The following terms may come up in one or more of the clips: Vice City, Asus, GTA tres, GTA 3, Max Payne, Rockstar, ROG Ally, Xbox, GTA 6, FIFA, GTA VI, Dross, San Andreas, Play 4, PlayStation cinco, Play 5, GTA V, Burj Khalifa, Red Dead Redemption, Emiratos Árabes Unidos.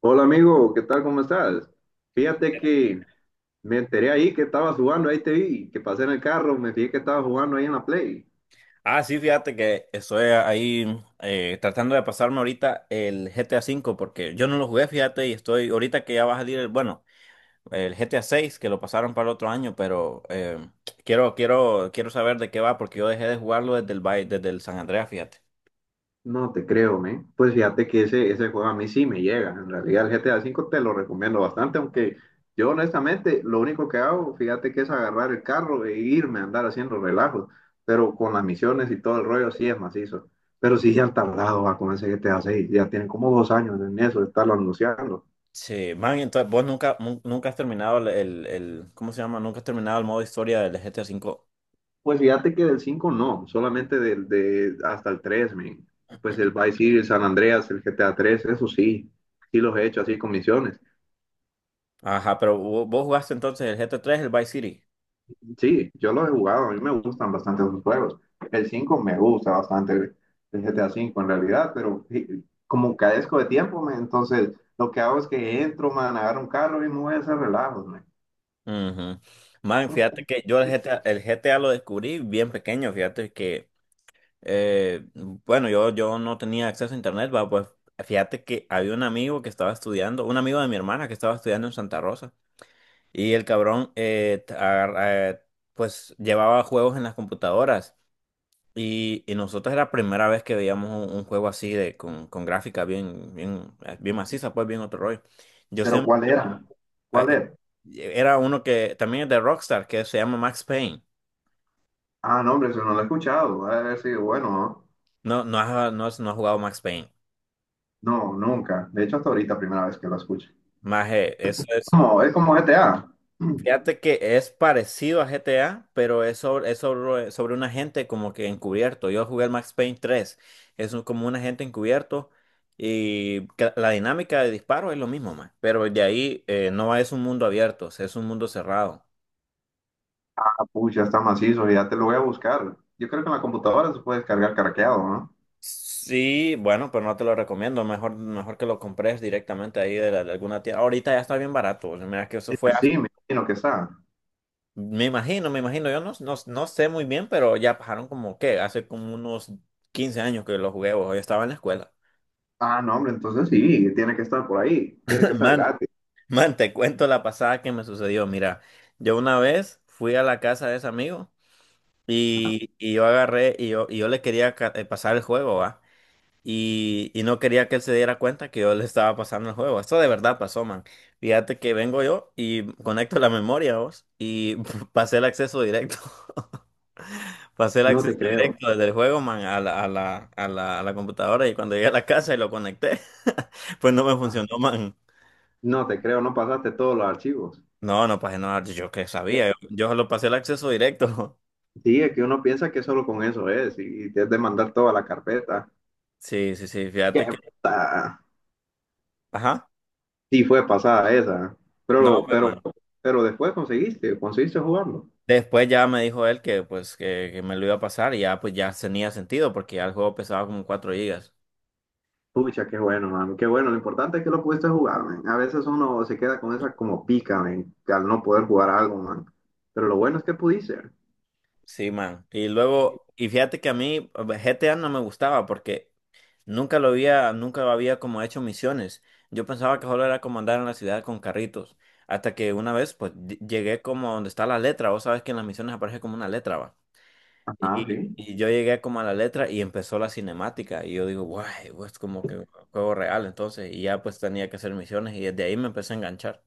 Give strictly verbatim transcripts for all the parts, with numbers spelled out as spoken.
Hola amigo, ¿qué tal? ¿Cómo estás? Fíjate que me enteré ahí que estabas jugando, ahí te vi, que pasé en el carro, me fijé que estabas jugando ahí en la Play. Ah, sí, fíjate que estoy ahí eh, tratando de pasarme ahorita el G T A cinco porque yo no lo jugué, fíjate, y estoy ahorita que ya va a salir el, bueno, el G T A seis que lo pasaron para el otro año, pero eh, quiero, quiero, quiero saber de qué va porque yo dejé de jugarlo desde el, Vice- desde el San Andreas, fíjate. No te creo, me. Pues fíjate que ese, ese juego a mí sí me llega. En realidad el G T A V te lo recomiendo bastante, aunque yo honestamente lo único que hago, fíjate que es agarrar el carro e irme a andar haciendo relajos, pero con las misiones y todo el rollo sí es macizo. Pero sí ya han tardado va, con ese G T A seis. Ya tienen como dos años en eso de estarlo anunciando. Sí, man, entonces vos nunca, nun- nunca has terminado el, el, el- ¿cómo se llama? Nunca has terminado el modo historia del G T A cinco. Pues fíjate que del cinco no, solamente del de hasta el tres, men. Pues el Vice City, el San Andreas, el G T A tres, eso sí, sí los he hecho así con misiones. Ajá, pero vos, vos jugaste entonces el G T A tres, el Vice City. Sí, yo los he jugado, a mí me gustan bastante esos juegos. El cinco me gusta bastante el el G T A cinco, en realidad, pero sí, como carezco de tiempo, men, entonces lo que hago es que entro, man, agarro un carro y me voy a hacer relajos, men. Ujú. Man, fíjate que yo el G T A, el G T A lo descubrí bien pequeño, fíjate que, eh, bueno, yo, yo no tenía acceso a internet, va, pues fíjate que había un amigo que estaba estudiando, un amigo de mi hermana que estaba estudiando en Santa Rosa, y el cabrón, eh, t- agar- eh, pues llevaba juegos en las computadoras, y, y nosotros era la primera vez que veíamos un, un juego así, de, con, con gráfica bien, bien, bien maciza, pues bien otro rollo. Yo, Pero ¿cuál era? Ah, ¿Cuál eh, era? Era uno que también es de Rockstar, que se llama Max Payne. Ah, no, hombre, eso no lo he escuchado. A ver si, bueno, no. No, no has, no has, no has jugado Max Payne. No, nunca. De hecho, hasta ahorita, primera vez que lo escucho. Más, eh, eso es. No, es como G T A. Mm. Fíjate que es parecido a G T A, pero es sobre, es sobre, sobre un agente como que encubierto. Yo jugué el Max Payne tres. Es un- como un agente encubierto. Y ca- la dinámica de disparo es lo mismo, más. Pero de ahí eh, no es un mundo abierto, es un mundo cerrado. Ah, pucha, está macizo, ya te lo voy a buscar. Yo creo que en la computadora se puede descargar craqueado, ¿no? Sí, bueno, pero no te lo recomiendo. Mejor, mejor que lo compres directamente ahí de, la- de alguna tienda. Ahorita ya está bien barato. O sea, mira que eso Eh, fue Sí, hace... me imagino que está. Me imagino, me imagino. Yo no, no, no sé muy bien, pero ya pasaron como, ¿qué? Hace como unos quince años que lo jugué. O Yo estaba en la escuela. Ah, no, hombre, entonces sí, tiene que estar por ahí, tiene que estar Man, gratis. man, te cuento la pasada que me sucedió. Mira, yo una vez fui a la casa de ese amigo y, y yo agarré y yo, y yo le quería ca- eh, pasar el juego, ¿va? Y, y no quería que él se diera cuenta que yo le estaba pasando el juego. Esto de verdad pasó, man. Fíjate que vengo yo y conecto la memoria, vos, y pasé el acceso directo. Pasé el No acceso te creo. directo desde el juego, man, a la, a la, a la, a la computadora y cuando llegué a la casa y lo conecté, pues no me Ajá. funcionó, man. No te creo, no pasaste todos los archivos. No, no pasé nada, yo qué Ya. sabía, yo, yo solo pasé el acceso directo. Sí, es que uno piensa que solo con eso es y te has de mandar toda la carpeta. Sí, sí, sí, Qué fíjate que... puta. Ajá, Sí, fue pasada esa. no, Pero, pues, pero, man. pero después conseguiste, conseguiste jugarlo. Después ya me dijo él que pues que, que me lo iba a pasar y ya pues ya tenía sentido porque ya el juego pesaba como cuatro gigas. Pucha, qué bueno, man. Qué bueno. Lo importante es que lo pudiste jugar, man. A veces uno se queda con esa como pica, man, al no poder jugar algo, man. Pero lo bueno es que pudiste. Sí, man. Y luego, y fíjate que a mí G T A no me gustaba porque nunca lo había, nunca había como hecho misiones. Yo pensaba que solo era como andar en la ciudad con carritos. Hasta que una vez pues di- llegué como donde está la letra. Vos sabes que en las misiones aparece como una letra, va. Ajá, Y, sí. Y yo llegué como a la letra y empezó la cinemática. Y yo digo, guay, es como que juego real. Entonces, y ya pues tenía que hacer misiones. Y desde ahí me empecé a enganchar.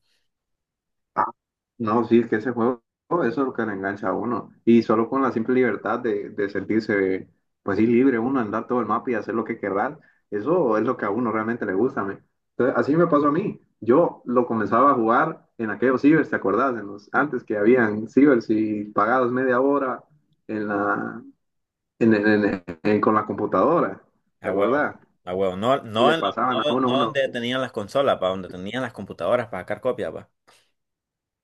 Ah, no, sí, es que ese juego, eso es lo que le engancha a uno. Y solo con la simple libertad de, de sentirse, pues sí, libre uno, andar todo el mapa y hacer lo que querrá, eso es lo que a uno realmente le gusta, man. Entonces, así me pasó a mí. Yo lo comenzaba a jugar en aquellos cibers, ¿te acordás? En los, antes que habían cibers y pagados media hora en la, en- en- en- con la computadora, ¿te A huevo, acordás? a huevo. No, Y no, le en lo- pasaban a no, uno, no, uno, donde tenían las consolas, para donde tenían las computadoras para sacar copias, pa.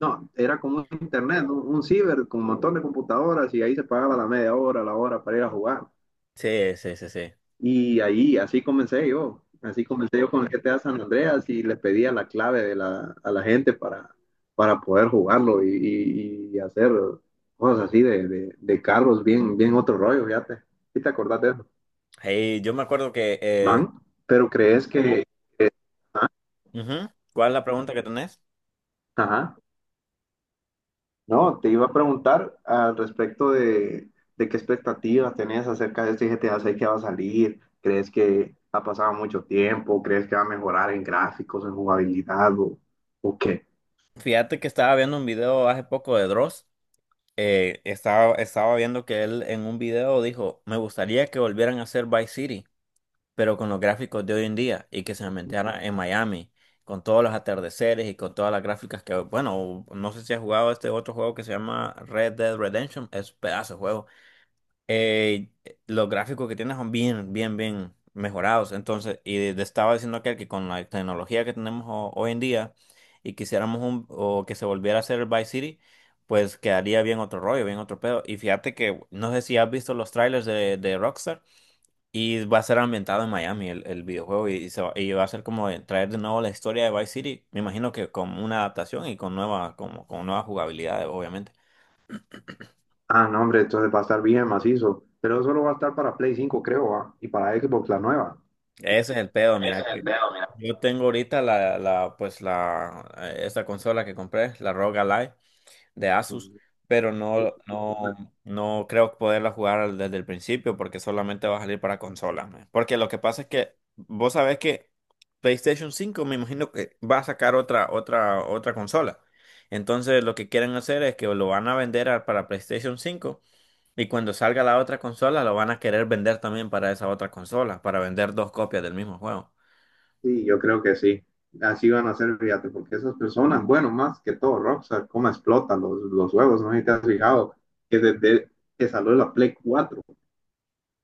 no, era como un internet, un, un ciber con un montón de computadoras y ahí se pagaba la media hora, la hora para ir a jugar. Sí, sí, sí, sí. Y ahí, así comencé yo, así comencé yo con el G T A San Andreas y les pedía la clave de la, a la gente para, para poder jugarlo y, y- y hacer cosas así de, de, de carros, bien, bien otro rollo, fíjate. ¿Y te acordás de eso? Hey, yo me acuerdo que. Man, eh, pero crees que. ujú, ¿Cuál es la pregunta que tenés? Ajá. No, te iba a preguntar al respecto de, de qué expectativas tenías acerca de este G T A seis que va a salir. ¿Crees que ha pasado mucho tiempo? ¿Crees que va a mejorar en gráficos, en jugabilidad o, o qué? Fíjate que estaba viendo un video hace poco de Dross. Eh, estaba, estaba viendo que él en un video dijo: me gustaría que volvieran a hacer Vice City, pero con los gráficos de hoy en día y que se ambientara en Miami, con todos los atardeceres y con todas las gráficas que, bueno, no sé si has jugado este otro juego que se llama Red Dead Redemption, es un pedazo de juego. Eh, los gráficos que tiene son bien, bien, bien mejorados. Entonces, y te estaba diciendo aquel que con la tecnología que tenemos ho- hoy en día y quisiéramos un, o que se volviera a hacer el Vice City. Pues quedaría bien otro rollo, bien otro pedo. Y fíjate que no sé si has visto los trailers de de Rockstar. Y va a ser ambientado en Miami el, el videojuego y, y se va, y va a ser como de traer de nuevo la historia de Vice City. Me imagino que con una adaptación y con nueva, como, con nuevas jugabilidades, obviamente. Ah, no, hombre, entonces va a estar bien macizo. Pero solo va a estar para Play cinco, creo, ¿ah? Y para Xbox la nueva. Ese es el pedo, mira que yo tengo ahorita la, la pues la eh, esta consola que compré, la R O G Ally de Asus, Mm. pero no, no, no creo poderla jugar desde el principio porque solamente va a salir para consolas, man. Porque lo que pasa es que vos sabés que PlayStation cinco, me imagino que va a sacar otra, otra, otra consola. Entonces lo que quieren hacer es que lo van a vender a- para PlayStation cinco y cuando salga la otra consola lo van a querer vender también para esa otra consola, para vender dos copias del mismo juego. Sí, yo creo que sí. Así van a ser, fíjate, porque esas personas, bueno, más que todo, Rockstar, cómo explotan los, los juegos, no sé si te has fijado, que desde que salió la Play cuatro.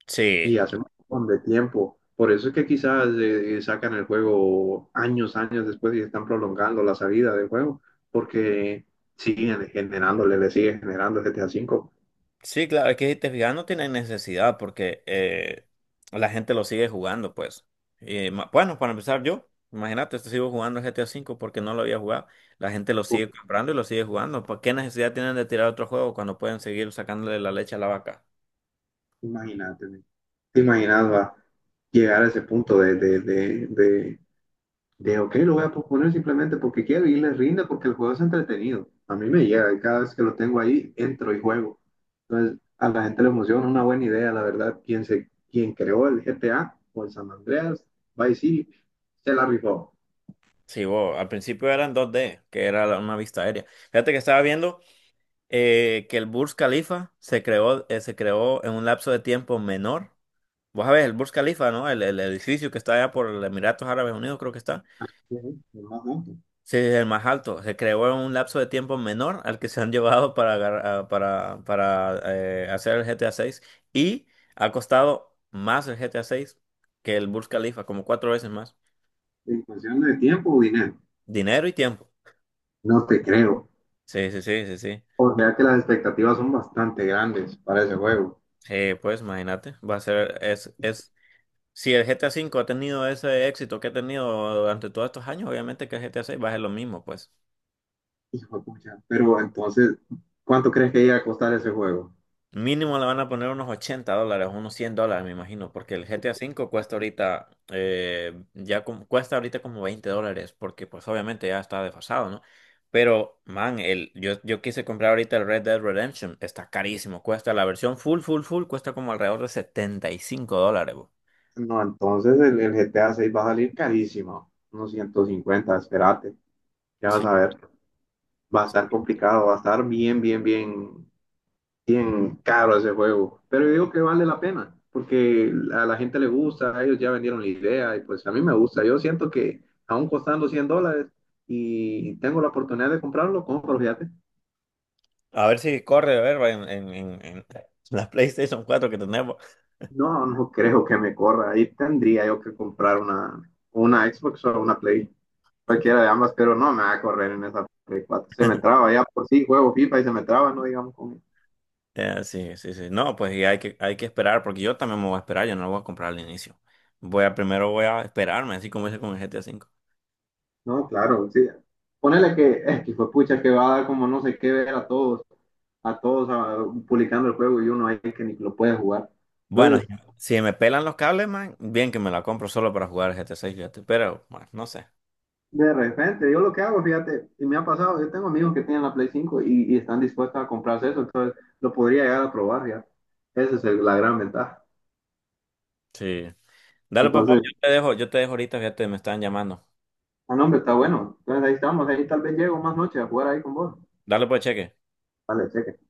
Sí, Y hace un montón de tiempo. Por eso es que quizás eh, eh, sacan el juego años, años después y están prolongando la salida del juego, porque siguen generándole, le sigue generando G T A V. sí, claro, es que si te fijas, no tienen necesidad porque eh, la gente lo sigue jugando, pues. Y, ma- bueno, para empezar, yo, imagínate, esto sigo jugando el G T A cinco porque no lo había jugado. La gente lo Uf, sigue comprando y lo sigue jugando. ¿Por qué necesidad tienen de tirar otro juego cuando pueden seguir sacándole la leche a la vaca? imagínate, ¿te imaginas va, llegar a ese punto de, de, de, de, de, ok, lo voy a posponer simplemente porque quiero y le rinde porque el juego es entretenido. A mí me llega y cada vez que lo tengo ahí, entro y juego. Entonces, a la gente le emociona, una buena idea, la verdad. Quien, se, quien creó el G T A o el San Andreas, Vice City, se la rifó. Sí, vos, al principio eran dos D, que era la- una vista aérea. Fíjate que estaba viendo eh, que el Burj Khalifa se creó, eh, se creó en un lapso de tiempo menor. Vos sabés, el Burj Khalifa, ¿no? El, el edificio que está allá por los Emiratos Árabes Unidos, creo que está. Ujú. Ajá. Sí, es el más alto. Se creó en un lapso de tiempo menor al que se han llevado para, agar- a- para, para eh, hacer el G T A seis y ha costado más el G T A seis que el Burj Khalifa, como cuatro veces más. En cuestión de tiempo o dinero, Dinero y tiempo. no te creo. Sí, sí, sí, sí, sí. O sea que las expectativas son bastante grandes para ese juego. Sí, pues imagínate, va a ser, es, es, si el G T A cinco ha tenido ese éxito que ha tenido durante todos estos años, obviamente que el G T A seis va a ser lo mismo, pues. Hijo de pucha. Pero entonces, ¿cuánto crees que iba a costar ese juego? Mínimo le van a poner unos ochenta dólares, unos cien dólares, me imagino, porque el G T A V cuesta ahorita, eh, ya como- cuesta ahorita como veinte dólares, porque pues obviamente ya está desfasado, ¿no? Pero, man, el, yo, yo quise comprar ahorita el Red Dead Redemption, está carísimo, cuesta la versión full, full, full, cuesta como alrededor de setenta y cinco dólares, bo. No, entonces el, el G T A seis va a salir carísimo, unos ciento cincuenta, espérate, ya vas Sí. a ver, va a estar complicado, va a estar bien, bien, bien, bien caro ese juego, pero yo digo que vale la pena, porque a la gente le gusta, a ellos ya vendieron la idea y pues a mí me gusta, yo siento que aún costando cien dólares y tengo la oportunidad de comprarlo, compro, fíjate. A ver si corre, a ver, en, en, en, en la PlayStation cuatro que tenemos. No, no creo que me corra. Ahí tendría yo que comprar una, una Xbox o una Play, cualquiera de ambas, pero no me va a correr en esa Play cuatro. Se me traba ya por sí, juego FIFA y se me traba, no digamos con. Eh, sí, sí, sí. No, pues y hay que, hay que esperar, porque yo también me voy a esperar, yo no lo voy a comprar al inicio. Voy a, primero voy a esperarme, así como hice con el G T A cinco. No, claro, sí. Ponele que, es que fue pucha que va a dar como no sé qué ver a todos, a todos ah, publicando el juego y uno ahí que ni lo puede jugar. Bueno, si Entonces, si me pelan los cables, man, bien que me la compro solo para jugar el G T A seis, fíjate, pero, bueno, no sé. de repente, yo lo que hago, fíjate, y me ha pasado, yo tengo amigos que tienen la Play cinco y, y están dispuestos a comprarse eso, entonces lo podría llegar a probar ya. Esa es el- la gran ventaja. Sí. Dale pues, pues, Entonces, yo te dejo, yo te dejo ahorita, fíjate, me están llamando. ah, no, hombre, está bueno. Entonces ahí estamos, ahí tal vez llego más noche a jugar ahí con vos. Dale pues, cheque. Vale, cheque.